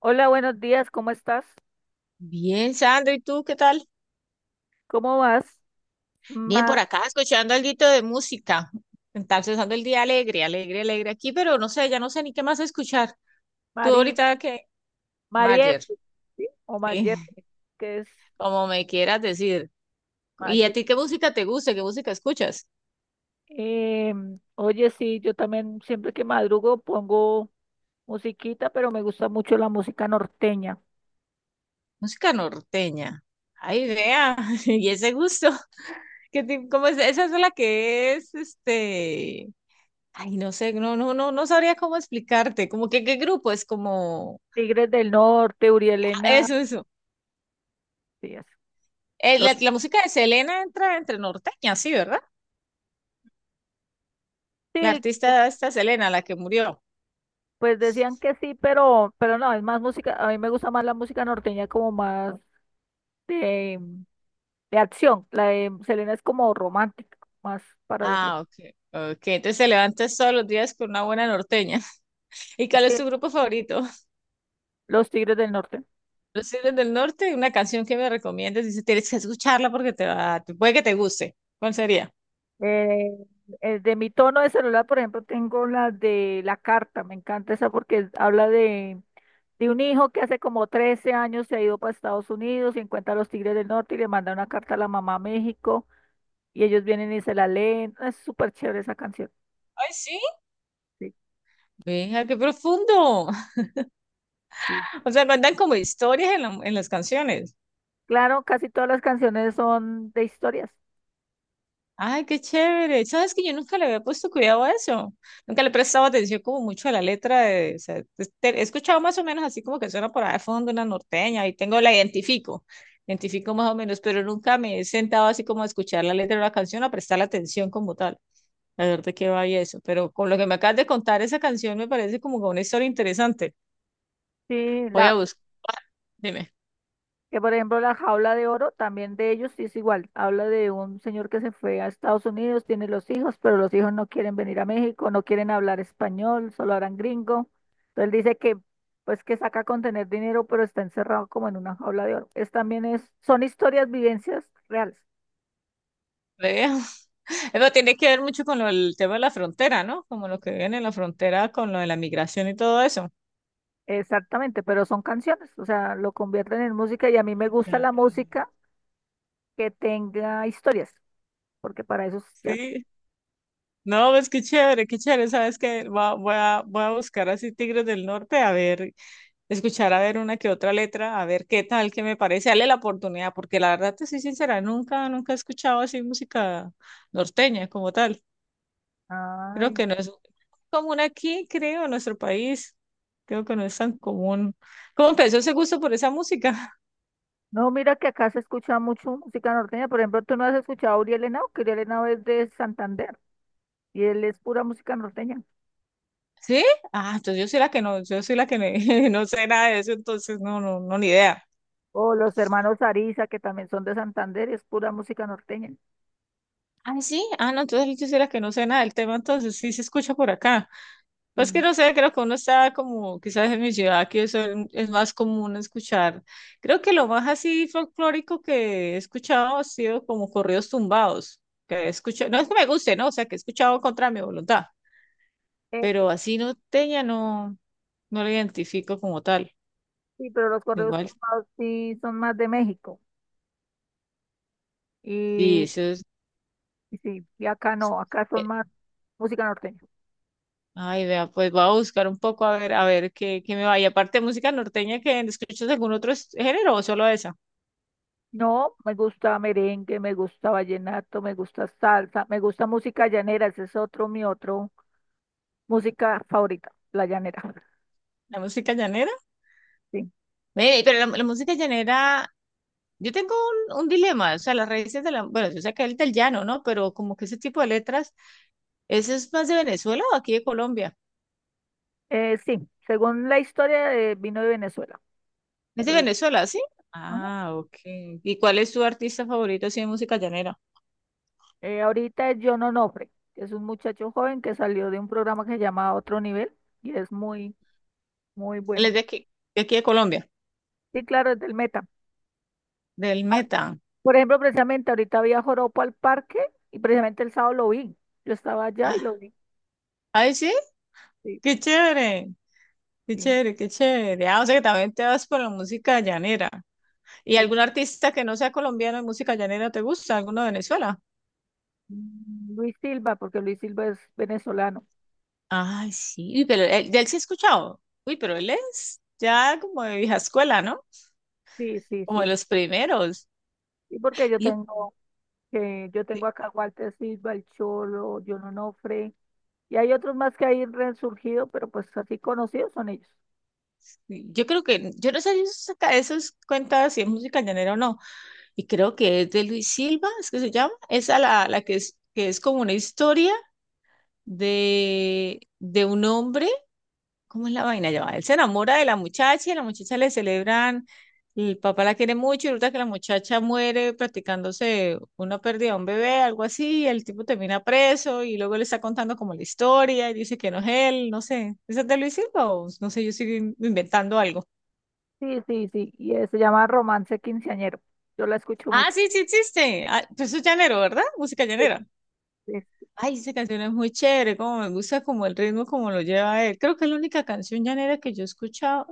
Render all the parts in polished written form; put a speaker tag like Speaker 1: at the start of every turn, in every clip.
Speaker 1: Hola, buenos días, ¿cómo estás?
Speaker 2: Bien, Sandro, ¿y tú qué tal?
Speaker 1: ¿Cómo vas?
Speaker 2: Bien,
Speaker 1: Ma,
Speaker 2: por acá escuchando algo de música. Entonces, ando el día alegre, alegre, alegre aquí, pero no sé, ya no sé ni qué más escuchar. Tú
Speaker 1: Mari,
Speaker 2: ahorita qué,
Speaker 1: Mariette,
Speaker 2: Mayer,
Speaker 1: ¿sí? O
Speaker 2: sí,
Speaker 1: Mariette, que es
Speaker 2: como me quieras decir. ¿Y a
Speaker 1: Mariette.
Speaker 2: ti qué música te gusta? ¿Qué música escuchas?
Speaker 1: Oye, sí, yo también siempre que madrugo pongo musiquita, pero me gusta mucho la música norteña.
Speaker 2: Música norteña. Ay, vea, y ese gusto. ¿Qué tipo, cómo es? Esa es la que es, este. Ay, no sé, no, no, no, no sabría cómo explicarte. Como que qué grupo es como.
Speaker 1: Tigres del Norte,
Speaker 2: Ah,
Speaker 1: Urielena,
Speaker 2: eso, eso.
Speaker 1: sí, eso. Lo-
Speaker 2: La, la música de Selena entra entre norteña, sí, ¿verdad? La
Speaker 1: sí,
Speaker 2: artista esta Selena, la que murió.
Speaker 1: pues decían que sí, pero no, es más música, a mí me gusta más la música norteña, como más de, de acción. La de Selena es como romántica, más para el otro.
Speaker 2: Ah, ok. Ok, entonces te levantas todos los días con una buena norteña. ¿Y cuál es tu grupo favorito?
Speaker 1: Los Tigres del Norte.
Speaker 2: Los Tigres del Norte, una canción que me recomiendas. Dice, tienes que escucharla porque te va, puede que te guste. ¿Cuál sería?
Speaker 1: Eh, de mi tono de celular, por ejemplo, tengo la de La Carta. Me encanta esa porque habla de un hijo que hace como 13 años se ha ido para Estados Unidos y encuentra a los Tigres del Norte y le manda una carta a la mamá a México, y ellos vienen y se la leen. Es súper chévere esa canción.
Speaker 2: Ay, sí.
Speaker 1: Sí,
Speaker 2: Venga, qué profundo.
Speaker 1: sí.
Speaker 2: O sea, mandan como historias en, en las canciones.
Speaker 1: Claro, casi todas las canciones son de historias.
Speaker 2: Ay, qué chévere. Sabes que yo nunca le había puesto cuidado a eso. Nunca le he prestado atención como mucho a la letra de, o sea, he escuchado más o menos así como que suena por ahí de fondo una norteña y tengo la identifico, identifico más o menos, pero nunca me he sentado así como a escuchar la letra de una canción, a prestar atención como tal, a ver de qué va y eso. Pero con lo que me acabas de contar, esa canción me parece como que una historia interesante.
Speaker 1: Sí,
Speaker 2: Voy a
Speaker 1: la,
Speaker 2: buscar, dime.
Speaker 1: Que por ejemplo La Jaula de Oro también, de ellos, sí, es igual. Habla de un señor que se fue a Estados Unidos, tiene los hijos, pero los hijos no quieren venir a México, no quieren hablar español, solo hablan gringo. Entonces dice que pues que saca con tener dinero, pero está encerrado como en una jaula de oro. Es también es, son historias, vivencias reales.
Speaker 2: Vea. Pero tiene que ver mucho con el tema de la frontera, ¿no? Como lo que viven en la frontera con lo de la migración y todo eso.
Speaker 1: Exactamente, pero son canciones, o sea, lo convierten en música, y a mí me gusta
Speaker 2: Ya,
Speaker 1: la música que tenga historias, porque para eso es chévere.
Speaker 2: sí, no, pues qué chévere, sabes que voy a buscar así Tigres del Norte, a ver, escuchar a ver una que otra letra, a ver qué tal, qué me parece, dale la oportunidad, porque la verdad te soy sincera, nunca, nunca he escuchado así música norteña como tal, creo
Speaker 1: Ay,
Speaker 2: que no es común aquí, creo, en nuestro país, creo que no es tan común. ¿Cómo empezó ese gusto por esa música?
Speaker 1: no, mira que acá se escucha mucho música norteña. Por ejemplo, tú no has escuchado a Uriel Henao, que Uriel Henao es de Santander y él es pura música norteña.
Speaker 2: ¿Sí? Ah, entonces yo soy la que no, yo soy la que no, no sé nada de eso, entonces no, no, no, ni idea.
Speaker 1: O los hermanos Ariza, que también son de Santander, es pura música norteña.
Speaker 2: Ah, sí, ah, no, entonces yo soy la que no sé nada del tema, entonces sí se escucha por acá. Pues que
Speaker 1: Mm.
Speaker 2: no sé, creo que uno está como, quizás en mi ciudad, que eso es más común escuchar. Creo que lo más así folclórico que he escuchado ha sido como corridos tumbados, que he escuchado, no es que me guste, ¿no? O sea, que he escuchado contra mi voluntad,
Speaker 1: Eh,
Speaker 2: pero así no tenía, no, no lo identifico como tal.
Speaker 1: sí, pero los correos
Speaker 2: Igual,
Speaker 1: tumbados sí son más de México.
Speaker 2: sí,
Speaker 1: Y,
Speaker 2: eso
Speaker 1: y sí, y acá
Speaker 2: es.
Speaker 1: no, acá son más música norteña.
Speaker 2: Ay, vea, pues voy a buscar un poco a ver qué, qué me vaya. Aparte de música norteña, ¿que escuchas algún otro género o solo esa?
Speaker 1: No, me gusta merengue, me gusta vallenato, me gusta salsa, me gusta música llanera, ese es otro, mi otro música favorita, la llanera.
Speaker 2: ¿La música llanera?
Speaker 1: Sí.
Speaker 2: Ve, pero la música llanera, yo tengo un dilema, o sea, las raíces de la, bueno, yo sé que es del llano, ¿no? Pero como que ese tipo de letras, ¿eso es más de Venezuela o aquí de Colombia?
Speaker 1: Sí, según la historia, vino de Venezuela,
Speaker 2: Es de
Speaker 1: pero
Speaker 2: Venezuela, ¿sí?
Speaker 1: ajá.
Speaker 2: Ah, ok. ¿Y cuál es tu artista favorito así de música llanera?
Speaker 1: Ahorita es John Onofre, que es un muchacho joven que salió de un programa que se llama Otro Nivel y es muy, muy
Speaker 2: Él
Speaker 1: bueno.
Speaker 2: es de aquí, de aquí de Colombia,
Speaker 1: Sí, claro, es del Meta.
Speaker 2: del
Speaker 1: Ah,
Speaker 2: Meta.
Speaker 1: por ejemplo, precisamente ahorita había Joropo al Parque y precisamente el sábado lo vi. Yo estaba allá
Speaker 2: Ah,
Speaker 1: y lo vi.
Speaker 2: ay, sí,
Speaker 1: Sí,
Speaker 2: qué chévere. Qué
Speaker 1: sí,
Speaker 2: chévere, qué chévere. Ah, o sea que también te vas por la música llanera. ¿Y
Speaker 1: sí.
Speaker 2: algún artista que no sea colombiano de música llanera te gusta? ¿Alguno de Venezuela?
Speaker 1: Mm, Luis Silva, porque Luis Silva es venezolano.
Speaker 2: Ay, sí. Uy, pero él, de él sí he escuchado. Uy, pero él es ya como de vieja escuela, ¿no?
Speaker 1: Sí, sí,
Speaker 2: Como de
Speaker 1: sí.
Speaker 2: los primeros.
Speaker 1: Y porque yo
Speaker 2: Yo,
Speaker 1: tengo, que yo tengo acá a Walter Silva, el Cholo, John Onofre. Y hay otros más que hay resurgido, pero pues así conocidos son ellos.
Speaker 2: yo creo que, yo no sé si eso saca esas cuentas si es música llanera o no. Y creo que es de Luis Silva, es que se llama. Esa la, la que es como una historia de un hombre. ¿Cómo es la vaina? Ya va, él se enamora de la muchacha y a la muchacha le celebran, el papá la quiere mucho y resulta que la muchacha muere practicándose una pérdida de un bebé, algo así, y el tipo termina preso y luego le está contando como la historia y dice que no es él, no sé. ¿Esa te lo hiciste o no sé, yo sigo inventando algo?
Speaker 1: Sí, sí, sí. Se llama Romance Quinceañero. Yo la escucho
Speaker 2: Ah,
Speaker 1: mucho.
Speaker 2: sí, sí existe. Ah, pero eso es llanero, ¿verdad? Música
Speaker 1: Sí,
Speaker 2: llanera.
Speaker 1: sí.
Speaker 2: Ay, esa canción es muy chévere, como me gusta como el ritmo, como lo lleva él. Creo que es la única canción llanera que yo he escuchado.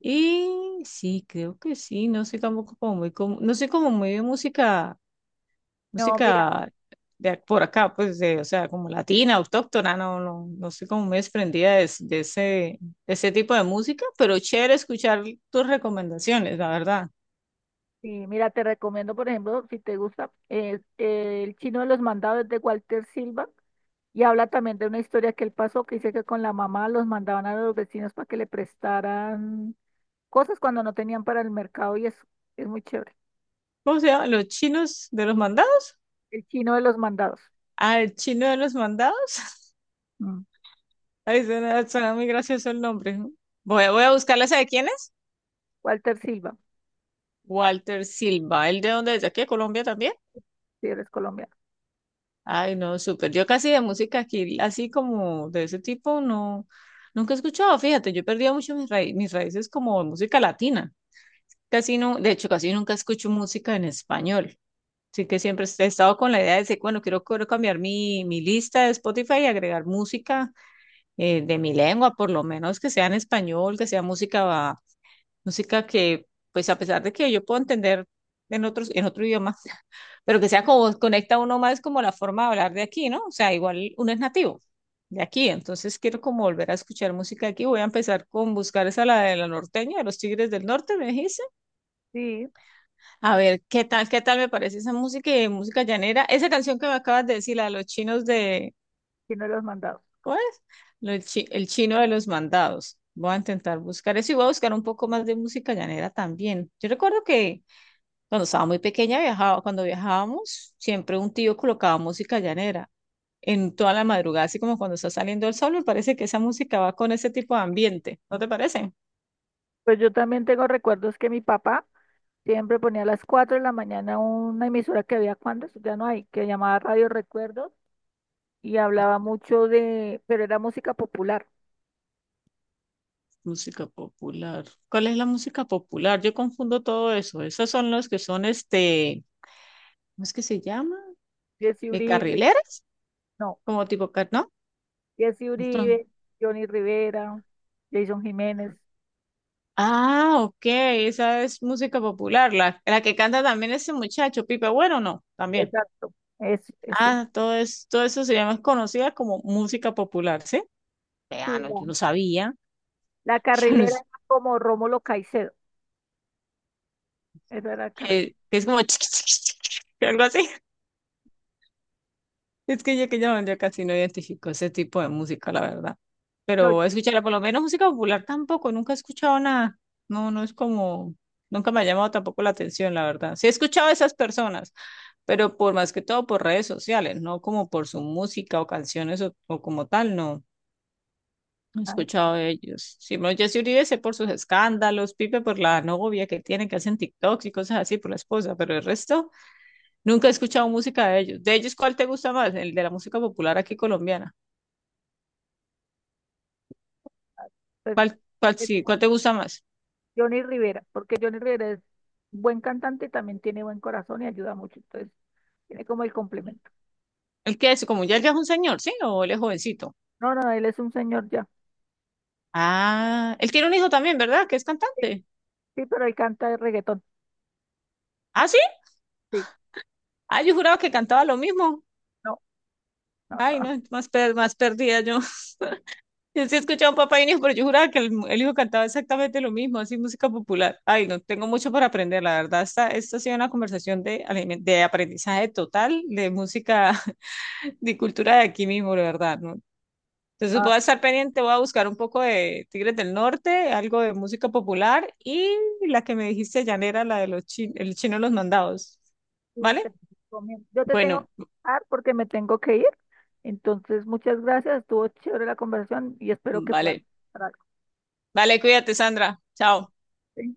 Speaker 2: Y sí, creo que sí, no sé tampoco como muy, como, no sé como muy de música,
Speaker 1: No, mira,
Speaker 2: música de por acá, pues, de, o sea, como latina, autóctona, no, no, no soy como muy desprendida de, de ese tipo de música, pero chévere escuchar tus recomendaciones, la verdad.
Speaker 1: Sí, mira, te recomiendo, por ejemplo, si te gusta, El Chino de los Mandados, de Walter Silva. Y habla también de una historia que él pasó, que dice que con la mamá los mandaban a los vecinos para que le prestaran cosas cuando no tenían para el mercado y eso. Es muy chévere.
Speaker 2: ¿Cómo se llama? ¿Los chinos de los mandados?
Speaker 1: El Chino de los Mandados.
Speaker 2: Ah, el chino de los mandados.
Speaker 1: Mm.
Speaker 2: Ay, suena, suena muy gracioso el nombre, ¿no? Voy, voy a buscarla, ¿sabe quién es?
Speaker 1: Walter Silva,
Speaker 2: Walter Silva, ¿el de dónde es? ¿De aquí de Colombia también?
Speaker 1: si eres colombiano.
Speaker 2: Ay, no, súper. Yo casi de música aquí, así como de ese tipo, no, nunca he escuchado. Fíjate, yo he perdido mucho mis mis raíces como de música latina. Casi no, de hecho, casi nunca escucho música en español. Así que siempre he estado con la idea de decir, bueno, quiero, quiero cambiar mi, mi lista de Spotify y agregar música de mi lengua, por lo menos que sea en español, que sea música, música que, pues a pesar de que yo puedo entender en otros, en otro idioma, pero que sea como conecta uno más como la forma de hablar de aquí, ¿no? O sea, igual uno es nativo de aquí, entonces quiero como volver a escuchar música aquí. Voy a empezar con buscar esa la de la norteña, de los Tigres del Norte, me dijiste.
Speaker 1: Sí,
Speaker 2: A ver, qué tal me parece esa música y música llanera? Esa canción que me acabas de decir, la de los chinos de,
Speaker 1: Chino de los Mandados.
Speaker 2: ¿cómo es? Lo el chino de los mandados. Voy a intentar buscar eso y voy a buscar un poco más de música llanera también. Yo recuerdo que cuando estaba muy pequeña viajaba, cuando viajábamos, siempre un tío colocaba música llanera en toda la madrugada, así como cuando está saliendo el sol, me parece que esa música va con ese tipo de ambiente, ¿no te parece?
Speaker 1: Pues yo también tengo recuerdos que mi papá siempre ponía a las 4 de la mañana una emisora que había, cuando eso, ya no hay, que llamaba Radio Recuerdos, y hablaba mucho de, pero era música popular.
Speaker 2: Música popular. ¿Cuál es la música popular? Yo confundo todo eso. Esos son los que son, este, ¿cómo es que se llama?
Speaker 1: Jesse Uribe,
Speaker 2: Carrileras,
Speaker 1: no,
Speaker 2: como tipo, ¿no?
Speaker 1: Jesse
Speaker 2: Entonces,
Speaker 1: Uribe, Johnny Rivera, Jason Jiménez,
Speaker 2: ah, ok, esa es música popular, la que canta también ese muchacho, Pipe Bueno, no, también.
Speaker 1: exacto. Es, eso es,
Speaker 2: Ah, todo, es, todo eso se llama, es conocida como música popular, ¿sí?
Speaker 1: sí,
Speaker 2: Vea, no, yo no sabía.
Speaker 1: la
Speaker 2: Yo no,
Speaker 1: carrilera era como Rómulo Caicedo, esa era la carrilera.
Speaker 2: que es como chiqui, chiqui, chiqui, que algo así. Es que yo yo casi no identifico ese tipo de música, la verdad.
Speaker 1: No,
Speaker 2: Pero escucharla, por lo menos música popular tampoco, nunca he escuchado nada. No, no es como, nunca me ha llamado tampoco la atención, la verdad. Sí he escuchado a esas personas, pero por más que todo por redes sociales, no como por su música o canciones o como tal, no. He
Speaker 1: ay, no,
Speaker 2: escuchado de ellos. Simón Jessy Uribe sé por sus escándalos, Pipe por la novia que tiene, que hacen TikToks y cosas así, por la esposa, pero el resto nunca he escuchado música de ellos. De ellos, ¿cuál te gusta más? El de la música popular aquí colombiana.
Speaker 1: pues,
Speaker 2: ¿Cuál, cuál, sí, cuál te gusta más?
Speaker 1: Johnny Rivera, porque Johnny Rivera es buen cantante, también tiene buen corazón y ayuda mucho, entonces tiene como el complemento.
Speaker 2: El que es, como ya, ya es un señor, ¿sí? ¿O él es jovencito?
Speaker 1: No, no, él es un señor ya.
Speaker 2: Ah, él tiene un hijo también, ¿verdad? Que es
Speaker 1: Sí,
Speaker 2: cantante.
Speaker 1: sí, pero él canta de reggaetón.
Speaker 2: ¿Ah, sí?
Speaker 1: Sí,
Speaker 2: Ah, yo juraba que cantaba lo mismo.
Speaker 1: no, no, no.
Speaker 2: Ay,
Speaker 1: no.
Speaker 2: no, más, más perdida yo. Yo sí he escuchado Papá y un hijo, pero yo juraba que el hijo cantaba exactamente lo mismo, así música popular. Ay, no, tengo mucho para aprender, la verdad. Esta ha sido una conversación de, de aprendizaje total, de música, de cultura de aquí mismo, la verdad, ¿no? Entonces
Speaker 1: Ah,
Speaker 2: voy a estar pendiente, voy a buscar un poco de Tigres del Norte, algo de música popular y la que me dijiste, llanera, la de los el chino de los mandados,
Speaker 1: sí,
Speaker 2: ¿vale?
Speaker 1: te recomiendo. Yo te tengo que
Speaker 2: Bueno,
Speaker 1: dejar porque me tengo que ir. Entonces, muchas gracias, estuvo chévere la conversación y espero que puedas
Speaker 2: vale,
Speaker 1: hacer algo,
Speaker 2: vale, cuídate, Sandra. Chao.
Speaker 1: ¿sí?